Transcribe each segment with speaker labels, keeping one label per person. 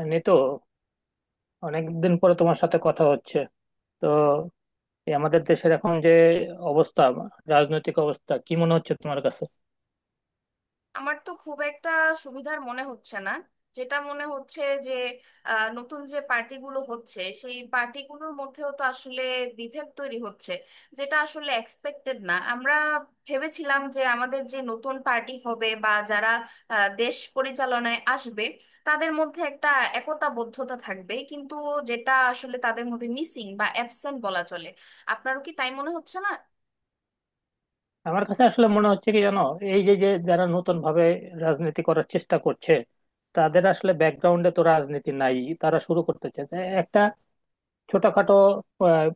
Speaker 1: এমনি তো অনেকদিন পরে তোমার সাথে কথা হচ্ছে। তো এই আমাদের দেশের এখন যে অবস্থা, রাজনৈতিক অবস্থা কি মনে হচ্ছে তোমার কাছে?
Speaker 2: আমার তো খুব একটা সুবিধার মনে হচ্ছে না। যেটা মনে হচ্ছে যে নতুন যে পার্টিগুলো হচ্ছে সেই পার্টিগুলোর মধ্যেও তো আসলে বিভেদ তৈরি হচ্ছে, যেটা আসলে এক্সপেক্টেড না। আমরা ভেবেছিলাম যে আমাদের যে নতুন পার্টি হবে বা যারা দেশ পরিচালনায় আসবে তাদের মধ্যে একটা একতাবদ্ধতা থাকবে, কিন্তু যেটা আসলে তাদের মধ্যে মিসিং বা অ্যাবসেন্ট বলা চলে। আপনারও কি তাই মনে হচ্ছে না?
Speaker 1: আমার কাছে আসলে মনে হচ্ছে কি জানো, এই যে যে যারা নতুন ভাবে রাজনীতি করার চেষ্টা করছে, তাদের আসলে ব্যাকগ্রাউন্ডে তো রাজনীতি নাই। তারা শুরু করতে চাইছে একটা ছোটখাটো আহ,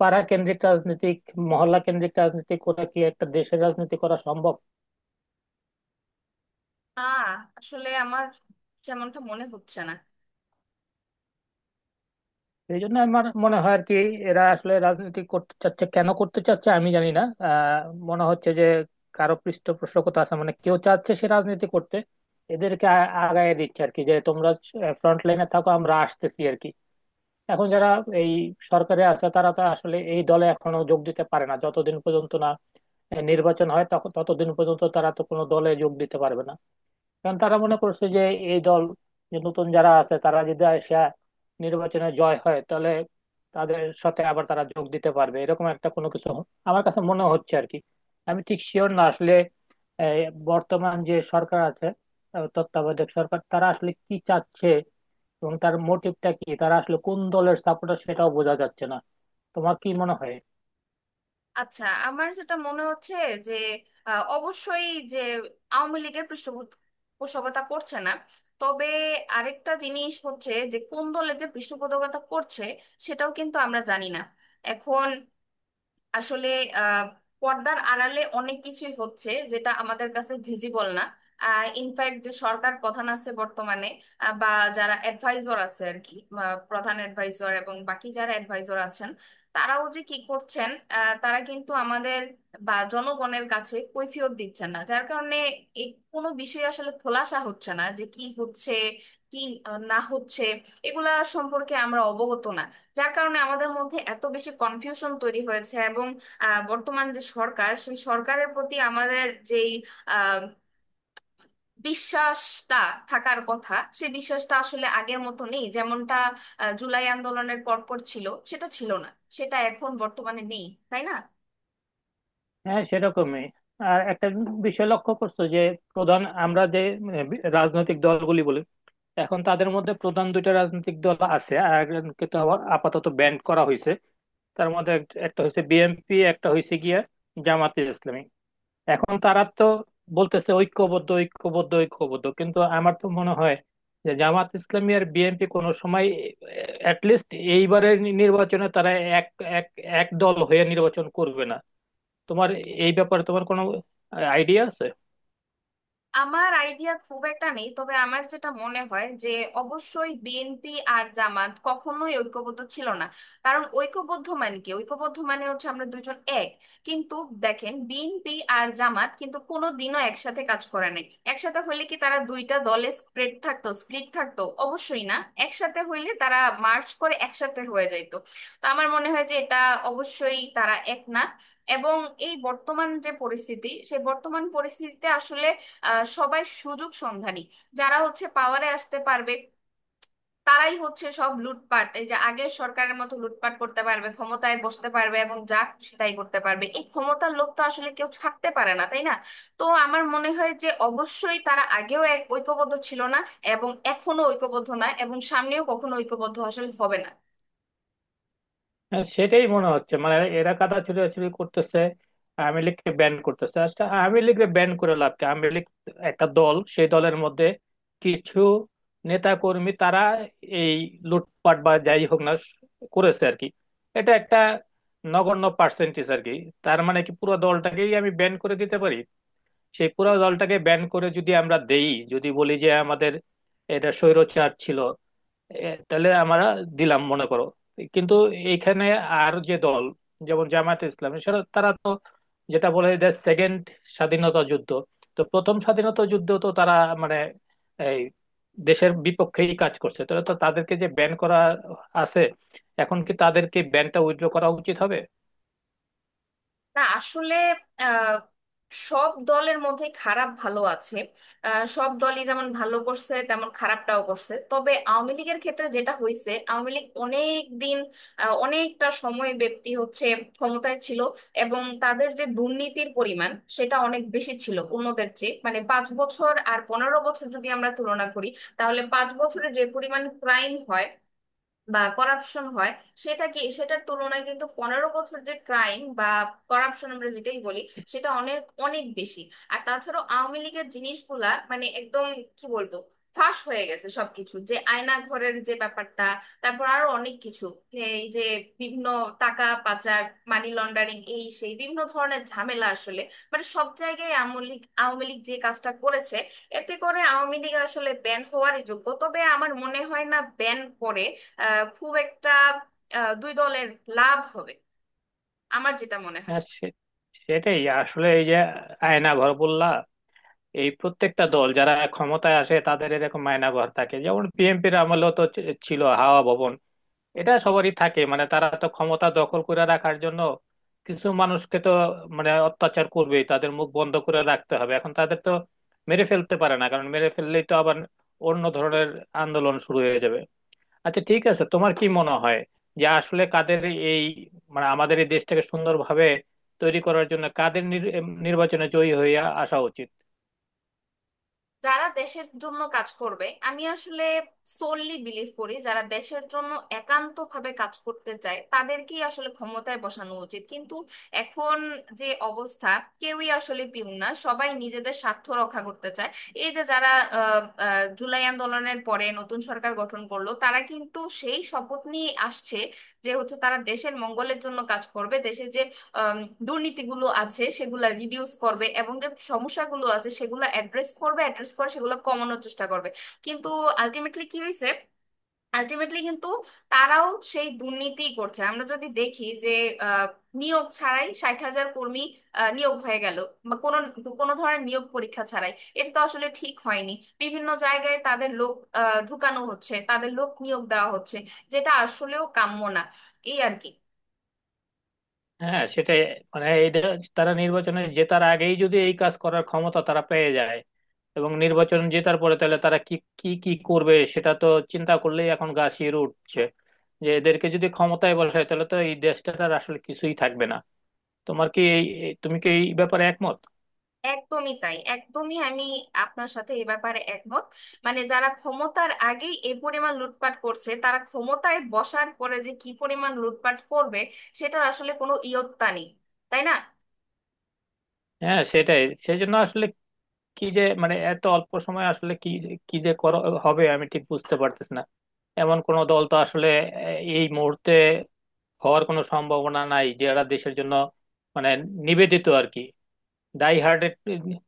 Speaker 1: পাড়া কেন্দ্রিক রাজনীতিক, মহল্লা কেন্দ্রিক রাজনীতি করে কি একটা দেশের রাজনীতি করা সম্ভব?
Speaker 2: না আসলে আমার যেমনটা মনে হচ্ছে না।
Speaker 1: এই জন্য আমার মনে হয় আর কি, এরা আসলে রাজনীতি করতে চাচ্ছে, কেন করতে চাচ্ছে আমি জানি না। মনে হচ্ছে যে কারো পৃষ্ঠপোষকতা আছে, মানে কেউ চাচ্ছে সে রাজনীতি করতে, এদেরকে আগায় দিচ্ছে আর কি, যে তোমরা ফ্রন্ট লাইনে থাকো আমরা আসতেছি আর কি। এখন যারা এই সরকারে আছে, তারা তো আসলে এই দলে এখনো যোগ দিতে পারে না, যতদিন পর্যন্ত না নির্বাচন হয়, তখন ততদিন পর্যন্ত তারা তো কোনো দলে যোগ দিতে পারবে না। কারণ তারা মনে করছে যে এই দল, যে নতুন যারা আছে তারা যদি আসে, নির্বাচনে জয় হয়, তাহলে তাদের সাথে আবার তারা যোগ দিতে পারবে, এরকম একটা কোনো কিছু আমার কাছে মনে হচ্ছে আর কি। আমি ঠিক শিওর না আসলে এই বর্তমান যে সরকার আছে, তত্ত্বাবধায়ক সরকার, তারা আসলে কি চাচ্ছে, এবং তার মোটিভটা কি, তারা আসলে কোন দলের সাপোর্টার সেটাও বোঝা যাচ্ছে না। তোমার কি মনে হয়?
Speaker 2: আচ্ছা আমার যেটা মনে হচ্ছে যে অবশ্যই যে আওয়ামী লীগের পৃষ্ঠপোষকতা করছে না। তবে আরেকটা জিনিস হচ্ছে যে কোন দলের যে পৃষ্ঠপোষকতা করছে সেটাও কিন্তু আমরা জানি না। এখন আসলে আহ, পর্দার আড়ালে অনেক কিছুই হচ্ছে যেটা আমাদের কাছে ভিজিবল না। ইনফ্যাক্ট যে সরকার প্রধান আছে বর্তমানে, বা যারা অ্যাডভাইজর আছে আর কি, প্রধান অ্যাডভাইজর এবং বাকি যারা অ্যাডভাইজর আছেন, তারাও যে কি করছেন, তারা কিন্তু আমাদের বা জনগণের কাছে কৈফিয়ত দিচ্ছেন না, যার কারণে এই কোনো বিষয়ে আসলে খোলাসা হচ্ছে না যে কি হচ্ছে কি না হচ্ছে। এগুলা সম্পর্কে আমরা অবগত না, যার কারণে আমাদের মধ্যে এত বেশি কনফিউশন তৈরি হয়েছে এবং বর্তমান যে সরকার সেই সরকারের প্রতি আমাদের যেই আহ, বিশ্বাসটা থাকার কথা সেই বিশ্বাসটা আসলে আগের মতো নেই, যেমনটা জুলাই আন্দোলনের পরপর ছিল সেটা ছিল না, সেটা এখন বর্তমানে নেই। তাই না?
Speaker 1: হ্যাঁ সেরকমই। আর একটা বিষয় লক্ষ্য করছো যে প্রধান, আমরা যে রাজনৈতিক দলগুলি বলি, এখন তাদের মধ্যে প্রধান দুইটা রাজনৈতিক দল আছে, আর একজনকে তো আবার আপাতত ব্যান্ড করা হয়েছে। তার মধ্যে একটা হয়েছে বিএনপি, একটা হয়েছে গিয়া জামাতে ইসলামী। এখন তারা তো বলতেছে ঐক্যবদ্ধ ঐক্যবদ্ধ ঐক্যবদ্ধ, কিন্তু আমার তো মনে হয় যে জামাত ইসলামী আর বিএনপি কোনো সময়, অ্যাটলিস্ট এইবারের নির্বাচনে তারা এক এক এক দল হয়ে নির্বাচন করবে না। তোমার এই ব্যাপারে তোমার কোনো আইডিয়া আছে?
Speaker 2: আমার আইডিয়া খুব একটা নেই, তবে আমার যেটা মনে হয় যে অবশ্যই বিএনপি আর জামাত কখনোই ঐক্যবদ্ধ ছিল না। কারণ ঐক্যবদ্ধ মানে কি? ঐক্যবদ্ধ মানে হচ্ছে আমরা দুজন এক। কিন্তু দেখেন বিএনপি আর জামাত কিন্তু কোনোদিনও একসাথে কাজ করে নাই। একসাথে হইলে কি তারা দুইটা দলে স্প্রেড থাকতো, স্প্লিট থাকতো? অবশ্যই না। একসাথে হইলে তারা মার্চ করে একসাথে হয়ে যাইতো। তো আমার মনে হয় যে এটা অবশ্যই তারা এক না। এবং এই বর্তমান যে পরিস্থিতি সেই বর্তমান পরিস্থিতিতে আসলে সবাই সুযোগ সন্ধানী। যারা হচ্ছে পাওয়ারে আসতে পারবে তারাই হচ্ছে সব লুটপাট, এই যে আগের সরকারের মতো লুটপাট করতে পারবে, ক্ষমতায় বসতে পারবে এবং যা খুশি তাই করতে পারবে। এই ক্ষমতার লোভ তো আসলে কেউ ছাড়তে পারে না, তাই না? তো আমার মনে হয় যে অবশ্যই তারা আগেও এক ঐক্যবদ্ধ ছিল না, এবং এখনো ঐক্যবদ্ধ না, এবং সামনেও কখনো ঐক্যবদ্ধ আসলে হবে না।
Speaker 1: হ্যাঁ, সেটাই মনে হচ্ছে। মানে এরা কাদা ছুটাছুটি করতেছে, আওয়ামী লীগকে ব্যান করতেছে। আচ্ছা আওয়ামী লীগকে ব্যান করে লাভ কি? আওয়ামী লীগ একটা দল, সেই দলের মধ্যে কিছু নেতা কর্মী তারা এই লুটপাট বা যাই হোক না করেছে আর কি। এটা একটা নগণ্য পার্সেন্টেজ আর কি। তার মানে কি পুরো দলটাকেই আমি ব্যান করে দিতে পারি? সেই পুরো দলটাকে ব্যান করে যদি আমরা দেই, যদি বলি যে আমাদের এটা স্বৈরচার ছিল, এ, তাহলে আমরা দিলাম মনে করো। কিন্তু এইখানে আর যে দল, যেমন জামায়াতে ইসলামী, সেটা তারা তো যেটা বলে এটা সেকেন্ড স্বাধীনতা যুদ্ধ, তো প্রথম স্বাধীনতা যুদ্ধ তো তারা মানে এই দেশের বিপক্ষেই কাজ করছে, তাহলে তো তাদেরকে যে ব্যান করা আছে, এখন কি তাদেরকে ব্যানটা উইথড্র করা উচিত হবে?
Speaker 2: না আসলে আহ, সব দলের মধ্যে খারাপ ভালো আছে। সব দলই যেমন ভালো করছে তেমন খারাপটাও করছে, তবে আওয়ামী লীগের ক্ষেত্রে যেটা হয়েছে, আওয়ামী লীগ অনেক দিন অনেকটা সময় ব্যক্তি হচ্ছে ক্ষমতায় ছিল। এবং তাদের যে দুর্নীতির পরিমাণ সেটা অনেক বেশি ছিল অন্যদের চেয়ে, মানে 5 বছর আর 15 বছর যদি আমরা তুলনা করি, তাহলে 5 বছরে যে পরিমাণ ক্রাইম হয় বা করাপশন হয় সেটা কি সেটার তুলনায় কিন্তু 15 বছর যে ক্রাইম বা করাপশন আমরা যেটাই বলি সেটা অনেক অনেক বেশি। আর তাছাড়াও আওয়ামী লীগের জিনিসগুলা মানে একদম কি বলবো ফাঁস হয়ে গেছে সবকিছু, যে আয়না ঘরের যে ব্যাপারটা, তারপর আরো অনেক কিছু, এই যে বিভিন্ন টাকা পাচার, মানি লন্ডারিং, এই সেই বিভিন্ন ধরনের ঝামেলা আসলে। মানে সব জায়গায় আওয়ামী লীগ আওয়ামী লীগ যে কাজটা করেছে, এতে করে আওয়ামী লীগ আসলে ব্যান হওয়ারই যোগ্য, তবে আমার মনে হয় না ব্যান করে খুব একটা দুই দলের লাভ হবে। আমার যেটা মনে হয়।
Speaker 1: হ্যাঁ সে- সেটাই আসলে। এই যে আয়নাঘর বললা, এই প্রত্যেকটা দল যারা ক্ষমতায় আসে তাদের এরকম আয়নাঘর থাকে। যেমন বিএনপির আমলেও তো ছিল হাওয়া ভবন। এটা সবারই থাকে, মানে তারা তো ক্ষমতা দখল করে রাখার জন্য কিছু মানুষকে তো মানে অত্যাচার করবেই, তাদের মুখ বন্ধ করে রাখতে হবে। এখন তাদের তো মেরে ফেলতে পারে না, কারণ মেরে ফেললেই তো আবার অন্য ধরনের আন্দোলন শুরু হয়ে যাবে। আচ্ছা ঠিক আছে, তোমার কি মনে হয় যে আসলে কাদের এই, মানে আমাদের এই দেশটাকে সুন্দরভাবে তৈরি করার জন্য কাদের নির্বাচনে জয়ী হয়ে আসা উচিত?
Speaker 2: যারা দেশের জন্য কাজ করবে, আমি আসলে সোললি বিলিভ করি যারা দেশের জন্য একান্ত ভাবে কাজ করতে চায় তাদেরকেই আসলে ক্ষমতায় বসানো উচিত। কিন্তু এখন যে অবস্থা, কেউই আসলে পিউন না, সবাই নিজেদের স্বার্থ রক্ষা করতে চায়। এই যে যারা আহ, আহ, জুলাই আন্দোলনের পরে নতুন সরকার গঠন করলো, তারা কিন্তু সেই শপথ নিয়ে আসছে যে হচ্ছে তারা দেশের মঙ্গলের জন্য কাজ করবে, দেশে যে আম, দুর্নীতিগুলো আছে সেগুলা রিডিউস করবে এবং যে সমস্যাগুলো আছে সেগুলো অ্যাড্রেস করবে, অ্যাড্রেস করে সেগুলো কমানোর চেষ্টা করবে। কিন্তু আলটিমেটলি কি হয়েছে? আলটিমেটলি কিন্তু তারাও সেই দুর্নীতি করছে। আমরা যদি দেখি যে আহ, নিয়োগ ছাড়াই 60 হাজার কর্মী নিয়োগ হয়ে গেল, বা কোনো কোনো ধরনের নিয়োগ পরীক্ষা ছাড়াই। এটা তো আসলে ঠিক হয়নি। বিভিন্ন জায়গায় তাদের লোক ঢুকানো হচ্ছে, তাদের লোক নিয়োগ দেওয়া হচ্ছে, যেটা আসলেও কাম্য না। এই আর কি।
Speaker 1: হ্যাঁ সেটাই, মানে এইটা তারা নির্বাচনে জেতার আগেই যদি এই কাজ করার ক্ষমতা তারা পেয়ে যায়, এবং নির্বাচন জেতার পরে তাহলে তারা কি কি কি করবে, সেটা তো চিন্তা করলেই এখন গা শিউরে উঠছে। যে এদেরকে যদি ক্ষমতায় বসায়, তাহলে তো এই দেশটা আর আসলে কিছুই থাকবে না। তোমার কি এই এই- তুমি কি এই ব্যাপারে একমত?
Speaker 2: একদমই তাই, একদমই আমি আপনার সাথে এ ব্যাপারে একমত। মানে যারা ক্ষমতার আগেই এ পরিমাণ লুটপাট করছে, তারা ক্ষমতায় বসার পরে যে কি পরিমাণ লুটপাট করবে সেটার আসলে কোনো ইয়ত্তা নেই। তাই না?
Speaker 1: হ্যাঁ সেটাই। সেই জন্য আসলে কি যে মানে, এত অল্প সময় আসলে কি যে করা হবে আমি ঠিক বুঝতে পারতেছি না। এমন কোন দল তো আসলে এই মুহূর্তে হওয়ার কোনো সম্ভাবনা নাই, যারা দেশের জন্য মানে নিবেদিত আর কি, ডাই হার্টেড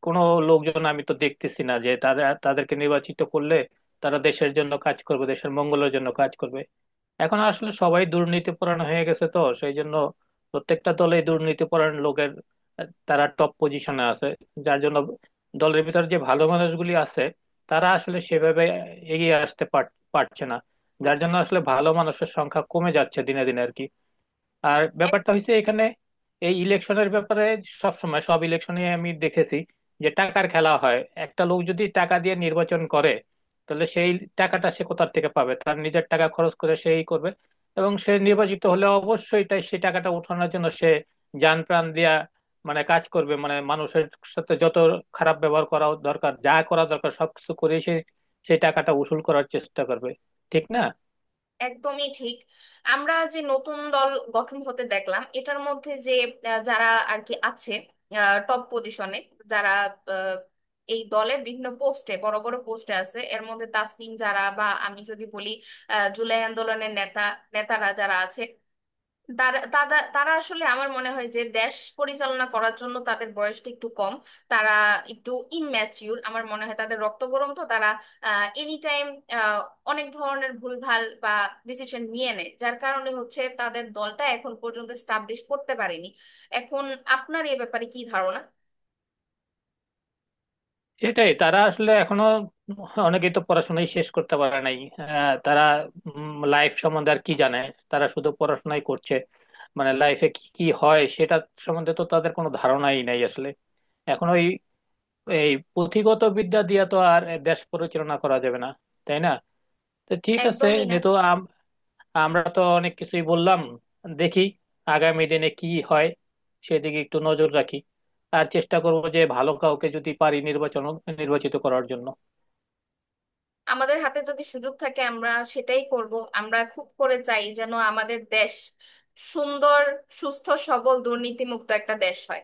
Speaker 1: কোনো লোকজন আমি তো দেখতেছি না, যে তারা, তাদেরকে নির্বাচিত করলে তারা দেশের জন্য কাজ করবে, দেশের মঙ্গলের জন্য কাজ করবে। এখন আসলে সবাই দুর্নীতি পরায়ণ হয়ে গেছে, তো সেই জন্য প্রত্যেকটা দলে দুর্নীতি পরায়ণ লোকের, তারা টপ পজিশনে আছে। যার জন্য দলের ভিতর যে ভালো মানুষগুলি আছে, তারা আসলে সেভাবে এগিয়ে আসতে পারছে না। যার জন্য আসলে ভালো মানুষের সংখ্যা কমে যাচ্ছে দিনে দিনে আর কি। আর ব্যাপারটা হয়েছে এখানে এই ইলেকশনের ব্যাপারে, সব সময় সব ইলেকশনে আমি দেখেছি যে টাকার খেলা হয়। একটা লোক যদি টাকা দিয়ে নির্বাচন করে, তাহলে সেই টাকাটা সে কোথা থেকে পাবে? তার নিজের টাকা খরচ করে সেই করবে, এবং সে নির্বাচিত হলে অবশ্যই তাই সেই টাকাটা উঠানোর জন্য সে জান প্রাণ দিয়া মানে কাজ করবে, মানে মানুষের সাথে যত খারাপ ব্যবহার করা দরকার, যা করা দরকার সবকিছু করে সে সেই টাকাটা উসুল করার চেষ্টা করবে। ঠিক না?
Speaker 2: একদমই ঠিক। আমরা যে নতুন দল গঠন হতে দেখলাম এটার মধ্যে যে যারা আর কি আছে টপ পজিশনে, যারা আহ, এই দলের বিভিন্ন পোস্টে বড় বড় পোস্টে আছে, এর মধ্যে তাসনিম যারা বা আমি যদি বলি জুলাই আন্দোলনের নেতারা যারা আছে, তারা তারা তারা আসলে আমার মনে হয় যে দেশ পরিচালনা করার জন্য তাদের বয়সটা একটু কম। তারা একটু ইনম্যাচিউর আমার মনে হয়, তাদের রক্ত গরম, তো তারা এনি টাইম অনেক ধরনের ভুলভাল বা ডিসিশন নিয়ে নেয়, যার কারণে হচ্ছে তাদের দলটা এখন পর্যন্ত স্টাবলিশ করতে পারেনি। এখন আপনার এ ব্যাপারে কি ধারণা?
Speaker 1: এটাই, তারা আসলে এখনো অনেকেই তো পড়াশোনাই শেষ করতে পারে নাই। তারা লাইফ সম্বন্ধে আর কি জানে, তারা শুধু পড়াশোনাই করছে। মানে লাইফে কি কি হয় সেটা সম্বন্ধে তো তাদের কোনো ধারণাই নাই আসলে। এখন ওই এই পুঁথিগত বিদ্যা দিয়ে তো আর দেশ পরিচালনা করা যাবে না, তাই না? তো ঠিক আছে
Speaker 2: একদমই না।
Speaker 1: নিতু, আমরা তো অনেক কিছুই বললাম। দেখি আগামী দিনে কি হয়, সেদিকে একটু নজর রাখি। আর চেষ্টা করবো যে ভালো কাউকে যদি পারি নির্বাচন, নির্বাচিত করার জন্য।
Speaker 2: আমাদের হাতে যদি সুযোগ থাকে আমরা সেটাই করব। আমরা খুব করে চাই যেন আমাদের দেশ সুন্দর সুস্থ সবল দুর্নীতিমুক্ত একটা দেশ হয়।